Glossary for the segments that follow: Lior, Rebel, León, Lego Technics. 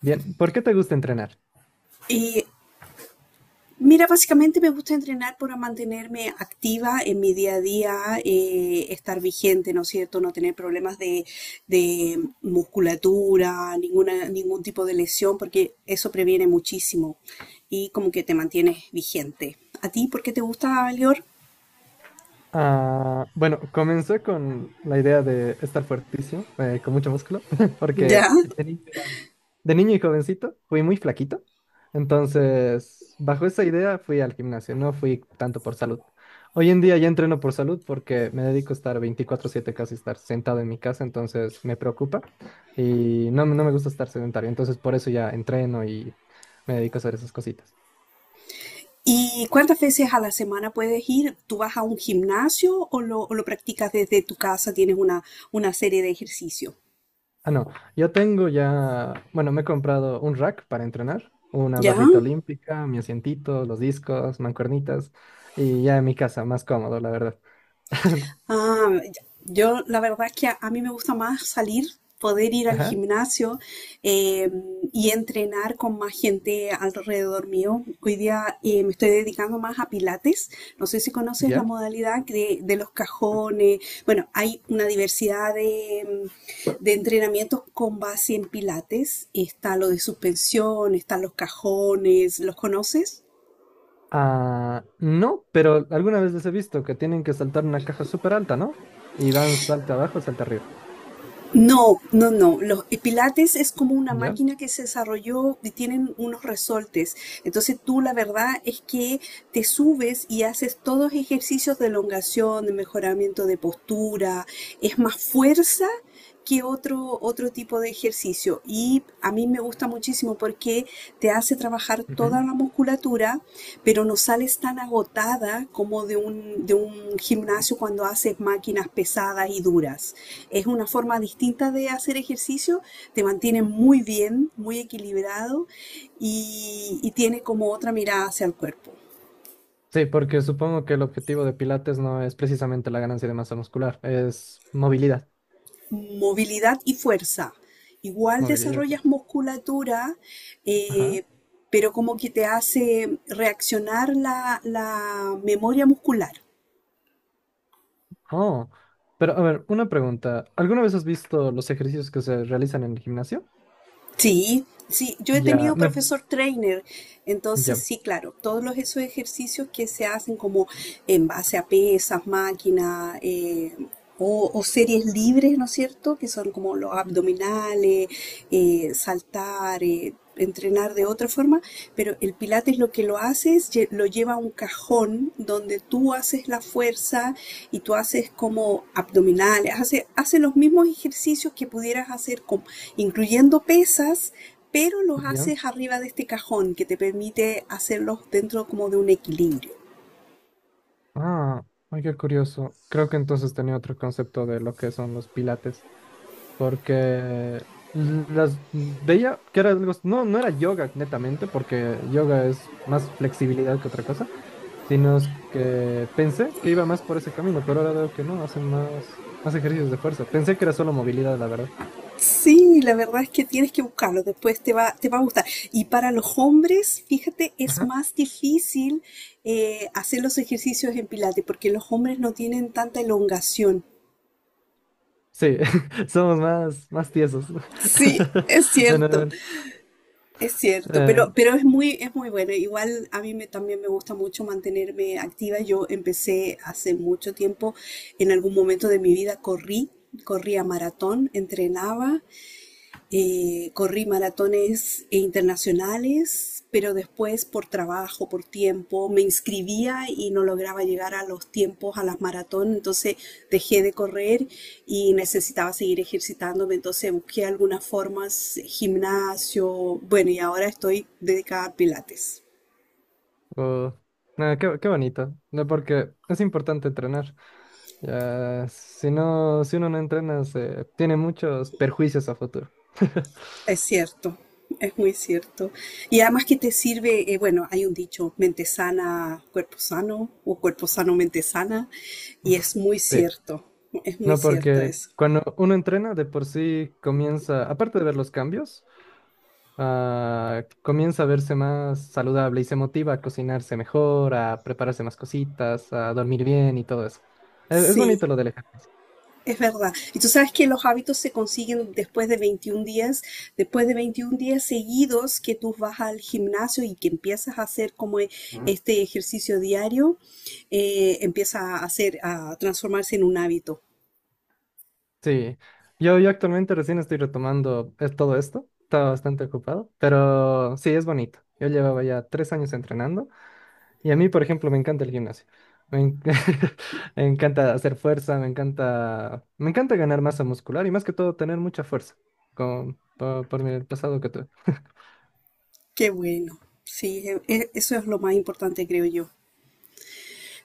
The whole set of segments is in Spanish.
Bien, ¿por qué te gusta entrenar? Y mira, básicamente me gusta entrenar para mantenerme activa en mi día a día, estar vigente, ¿no es cierto? No tener problemas de musculatura, ningún tipo de lesión, porque eso previene muchísimo y como que te mantienes vigente. ¿A ti por qué te gusta, Lior? Ah, bueno, comencé con la idea de estar fuertísimo, con mucho músculo, Ya. porque de niño era- de niño y jovencito fui muy flaquito. Entonces, bajo esa idea fui al gimnasio, no fui tanto por salud. Hoy en día ya entreno por salud porque me dedico a estar 24/7 casi estar sentado en mi casa, entonces me preocupa y no me gusta estar sedentario, entonces por eso ya entreno y me dedico a hacer esas cositas. ¿Y cuántas veces a la semana puedes ir? ¿Tú vas a un gimnasio o lo practicas desde tu casa? ¿Tienes una serie de ejercicios? Ah, no, yo tengo ya, bueno, me he comprado un rack para entrenar, una ¿Ya? barrita olímpica, mi asientito, los discos, mancuernitas, y ya en mi casa, más cómodo, la verdad. Ah, yo la verdad es que a mí me gusta más salir, poder ir al Ajá, gimnasio eh, y entrenar con más gente alrededor mío. Hoy día me estoy dedicando más a pilates. No sé si conoces la ¿ya? modalidad de los cajones. Bueno, hay una diversidad de entrenamientos con base en pilates. Está lo de suspensión, están los cajones. ¿Los conoces? Ah, no, pero alguna vez les he visto que tienen que saltar una caja súper alta, ¿no? Y van salta abajo, salta arriba, No, no, no. Los y Pilates es como una ¿ya? máquina que se desarrolló y tienen unos resortes. Entonces tú la verdad es que te subes y haces todos ejercicios de elongación, de mejoramiento de postura. Es más fuerza que otro tipo de ejercicio. Y a mí me gusta muchísimo porque te hace trabajar toda Ujú. la musculatura, pero no sales tan agotada como de de un gimnasio cuando haces máquinas pesadas y duras. Es una forma distinta de hacer ejercicio, te mantiene muy bien, muy equilibrado y tiene como otra mirada hacia el cuerpo. Sí, porque supongo que el objetivo de Pilates no es precisamente la ganancia de masa muscular, es movilidad, Movilidad y fuerza. Igual movilidad pues. desarrollas musculatura, Ajá. eh, pero como que te hace reaccionar la memoria muscular. Oh, pero a ver, una pregunta. ¿Alguna vez has visto los ejercicios que se realizan en el gimnasio? Sí, sí, yo he Ya, tenido me, profesor trainer, entonces ya, sí, claro, todos los, esos ejercicios que se hacen como en base a pesas, máquinas o series libres, ¿no es cierto? Que son como los abdominales, saltar, entrenar de otra forma, pero el pilates lo que lo hace es lo lleva a un cajón donde tú haces la fuerza y tú haces como abdominales, hace los mismos ejercicios que pudieras hacer incluyendo pesas, pero los ya. haces arriba de este cajón que te permite hacerlos dentro como de un equilibrio. Ah, ay, qué curioso. Creo que entonces tenía otro concepto de lo que son los pilates, porque las veía que era algo, no era yoga netamente, porque yoga es más flexibilidad que otra cosa, sino es que pensé que iba más por ese camino, pero ahora veo que no, hace más ejercicios de fuerza. Pensé que era solo movilidad, la verdad. Sí, la verdad es que tienes que buscarlo, después te va a gustar. Y para los hombres, fíjate, es más difícil hacer los ejercicios en Pilates porque los hombres no tienen tanta elongación. Sí, somos más tiesos. Sí, es De cierto, normal. es cierto, Eh, pero es muy bueno. Igual a mí me, también me gusta mucho mantenerme activa. Yo empecé hace mucho tiempo, en algún momento de mi vida corrí, corría maratón, entrenaba corrí maratones internacionales, pero después por trabajo, por tiempo, me inscribía y no lograba llegar a los tiempos, a las maratones, entonces dejé de correr y necesitaba seguir ejercitándome, entonces busqué algunas formas, gimnasio, bueno, y ahora estoy dedicada a pilates. oh, Nada, qué bonito, ¿no? Porque es importante entrenar. Ya, si no, si uno no entrena, se tiene muchos perjuicios a futuro. Es cierto, es muy cierto. Y además que te sirve, bueno, hay un dicho, mente sana, cuerpo sano, o cuerpo sano, mente sana, y Sí, es muy no, cierto porque eso. cuando uno entrena, de por sí comienza, aparte de ver los cambios, comienza a verse más saludable y se motiva a cocinarse mejor, a prepararse más cositas, a dormir bien y todo eso. Es Sí, bonito lo del ejercicio. es verdad. Y tú sabes que los hábitos se consiguen después de 21 días, después de 21 días seguidos que tú vas al gimnasio y que empiezas a hacer este ejercicio diario, empieza a hacer, a transformarse en un hábito. Sí, yo actualmente recién estoy retomando todo esto, estaba bastante ocupado, pero sí, es bonito. Yo llevaba ya 3 años entrenando y a mí, por ejemplo, me encanta el gimnasio. Me, en- me encanta hacer fuerza, me encanta ganar masa muscular y más que todo tener mucha fuerza por mi pasado que tuve. Qué bueno. Sí, eso es lo más importante, creo yo.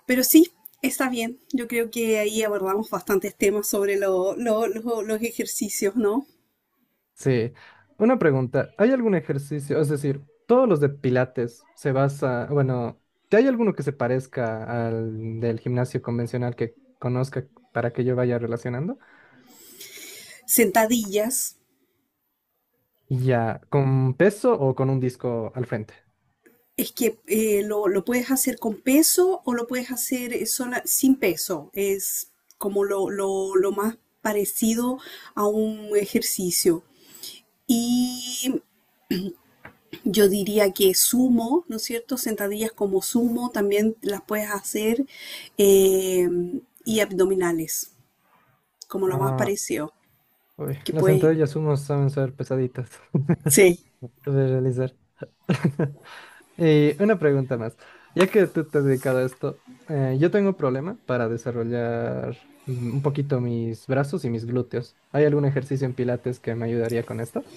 Pero sí, está bien. Yo creo que ahí abordamos bastantes temas sobre los ejercicios, ¿no? Sí, una pregunta. ¿Hay algún ejercicio? Es decir, todos los de Pilates se basa, bueno, ¿que ¿hay alguno que se parezca al del gimnasio convencional que conozca para que yo vaya relacionando? Sentadillas. Y ya, ¿con peso o con un disco al frente? Es que lo puedes hacer con peso o lo puedes hacer sin peso. Es como lo más parecido a un ejercicio. Y Yo diría que sumo, ¿no es cierto? Sentadillas como sumo también las puedes hacer eh, y abdominales, como lo más Ah, parecido, uy, que las puedes sentadillas sumo saben ser pesaditas sí. de realizar. Y una pregunta más. Ya que tú te has dedicado a esto, yo tengo un problema para desarrollar un poquito mis brazos y mis glúteos. ¿Hay algún ejercicio en Pilates que me ayudaría con esto?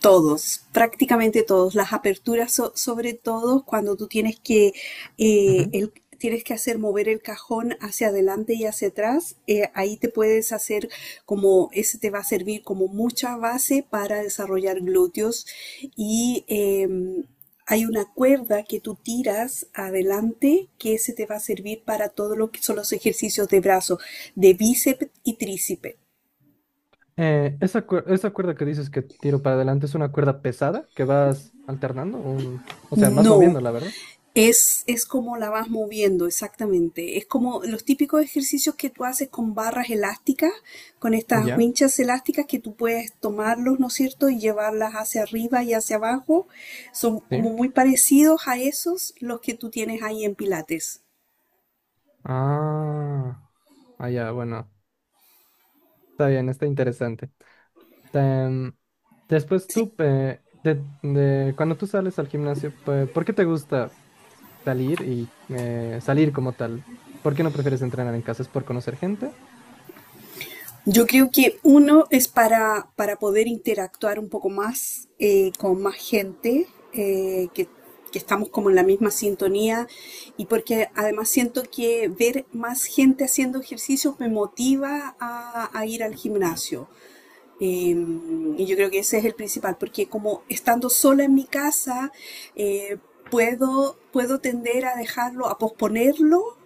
Todos, prácticamente todos. Las aperturas, sobre todo cuando tú tienes que, eh, Ujú. el- tienes que hacer mover el cajón hacia adelante y hacia atrás, ahí te puedes hacer como, ese te va a servir como mucha base para desarrollar glúteos. Y hay una cuerda que tú tiras adelante que ese te va a servir para todo lo que son los ejercicios de brazo, de bíceps y tríceps. Esa cuerda que dices que tiro para adelante es una cuerda pesada que vas alternando, un, o sea, vas No, moviendo, la verdad. es como la vas moviendo, exactamente. Es como los típicos ejercicios que tú haces con barras elásticas, con estas Ya, winchas elásticas que tú puedes tomarlos, ¿no es cierto?, y llevarlas hacia arriba y hacia abajo. Son como sí. muy parecidos a esos los que tú tienes ahí en Pilates. Ah, ya, bueno, está bien, está interesante. Em, Después Sí. tú, cuando tú sales al gimnasio, ¿por qué te gusta salir y salir como tal? ¿Por qué no prefieres entrenar en casa? ¿Es por conocer gente? Yo creo que uno es para poder interactuar un poco más con más gente, eh, que, que estamos como en la misma sintonía y porque además siento que ver más gente haciendo ejercicios me motiva a ir al gimnasio. Eh, y yo creo que ese es el principal, porque como estando sola en mi casa, eh, puedo tender a dejarlo, a posponerlo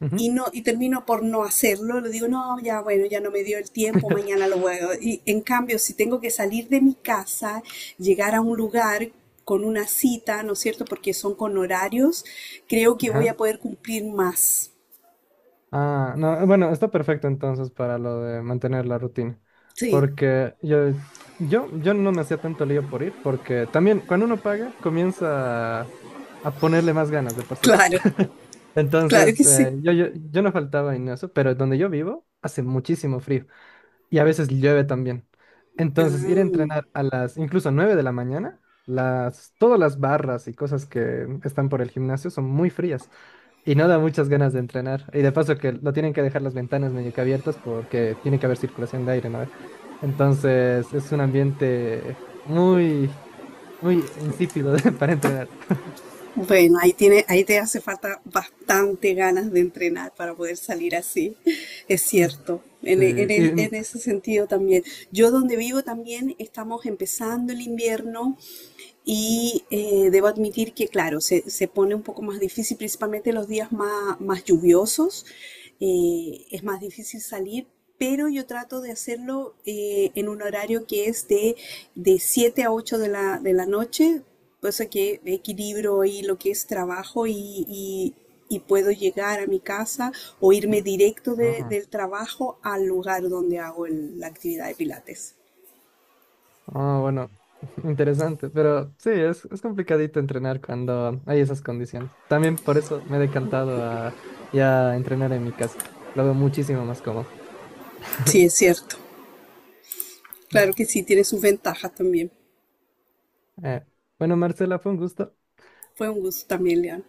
Ujú. y termino por no hacerlo, le digo, no, ya bueno, ya no me dio el tiempo, mañana lo voy a hacer. Y en cambio, si tengo que salir de mi casa, llegar a un lugar con una cita, ¿no es cierto? Porque son con horarios, creo que voy Ajá. a poder cumplir más. Ah, no, bueno, está perfecto entonces para lo de mantener la rutina, Sí, porque yo no me hacía tanto lío por ir, porque también cuando uno paga comienza a ponerle más ganas de por sí. claro, claro Entonces, que sí. Yo no faltaba en eso, pero donde yo vivo hace muchísimo frío y a veces llueve también. Entonces, ir a Ah, entrenar a las incluso 9 de la mañana, las, todas las barras y cosas que están por el gimnasio son muy frías y no da muchas ganas de entrenar. Y de paso que lo tienen que dejar las ventanas medio que abiertas porque tiene que haber circulación de aire, ¿no? Entonces, es un ambiente muy, muy insípido para entrenar. bueno, ahí tiene, ahí te hace falta bastante ganas de entrenar para poder salir así. Es Mm. cierto. Sí, En, e- en es- y, en mm, ese sentido también. Yo donde vivo también estamos empezando el invierno. Y debo admitir que, claro, se pone un poco más difícil, principalmente los días más, más lluviosos. Eh, es más difícil salir, pero yo trato de hacerlo en un horario que es de 7 a 8 de de la noche, cosa que equilibro ahí lo que es trabajo y, y- y puedo llegar a mi casa o irme directo no. del trabajo al lugar donde hago la actividad de pilates. Ah, bueno, interesante, pero sí, es complicadito entrenar cuando hay esas condiciones. También por eso me he decantado a ya entrenar en mi casa. Lo veo muchísimo más cómodo. Sí, es cierto. Mm. Claro que sí, tiene sus ventajas también. Eh, bueno, Marcela, fue un gusto. Fue un gusto también, León.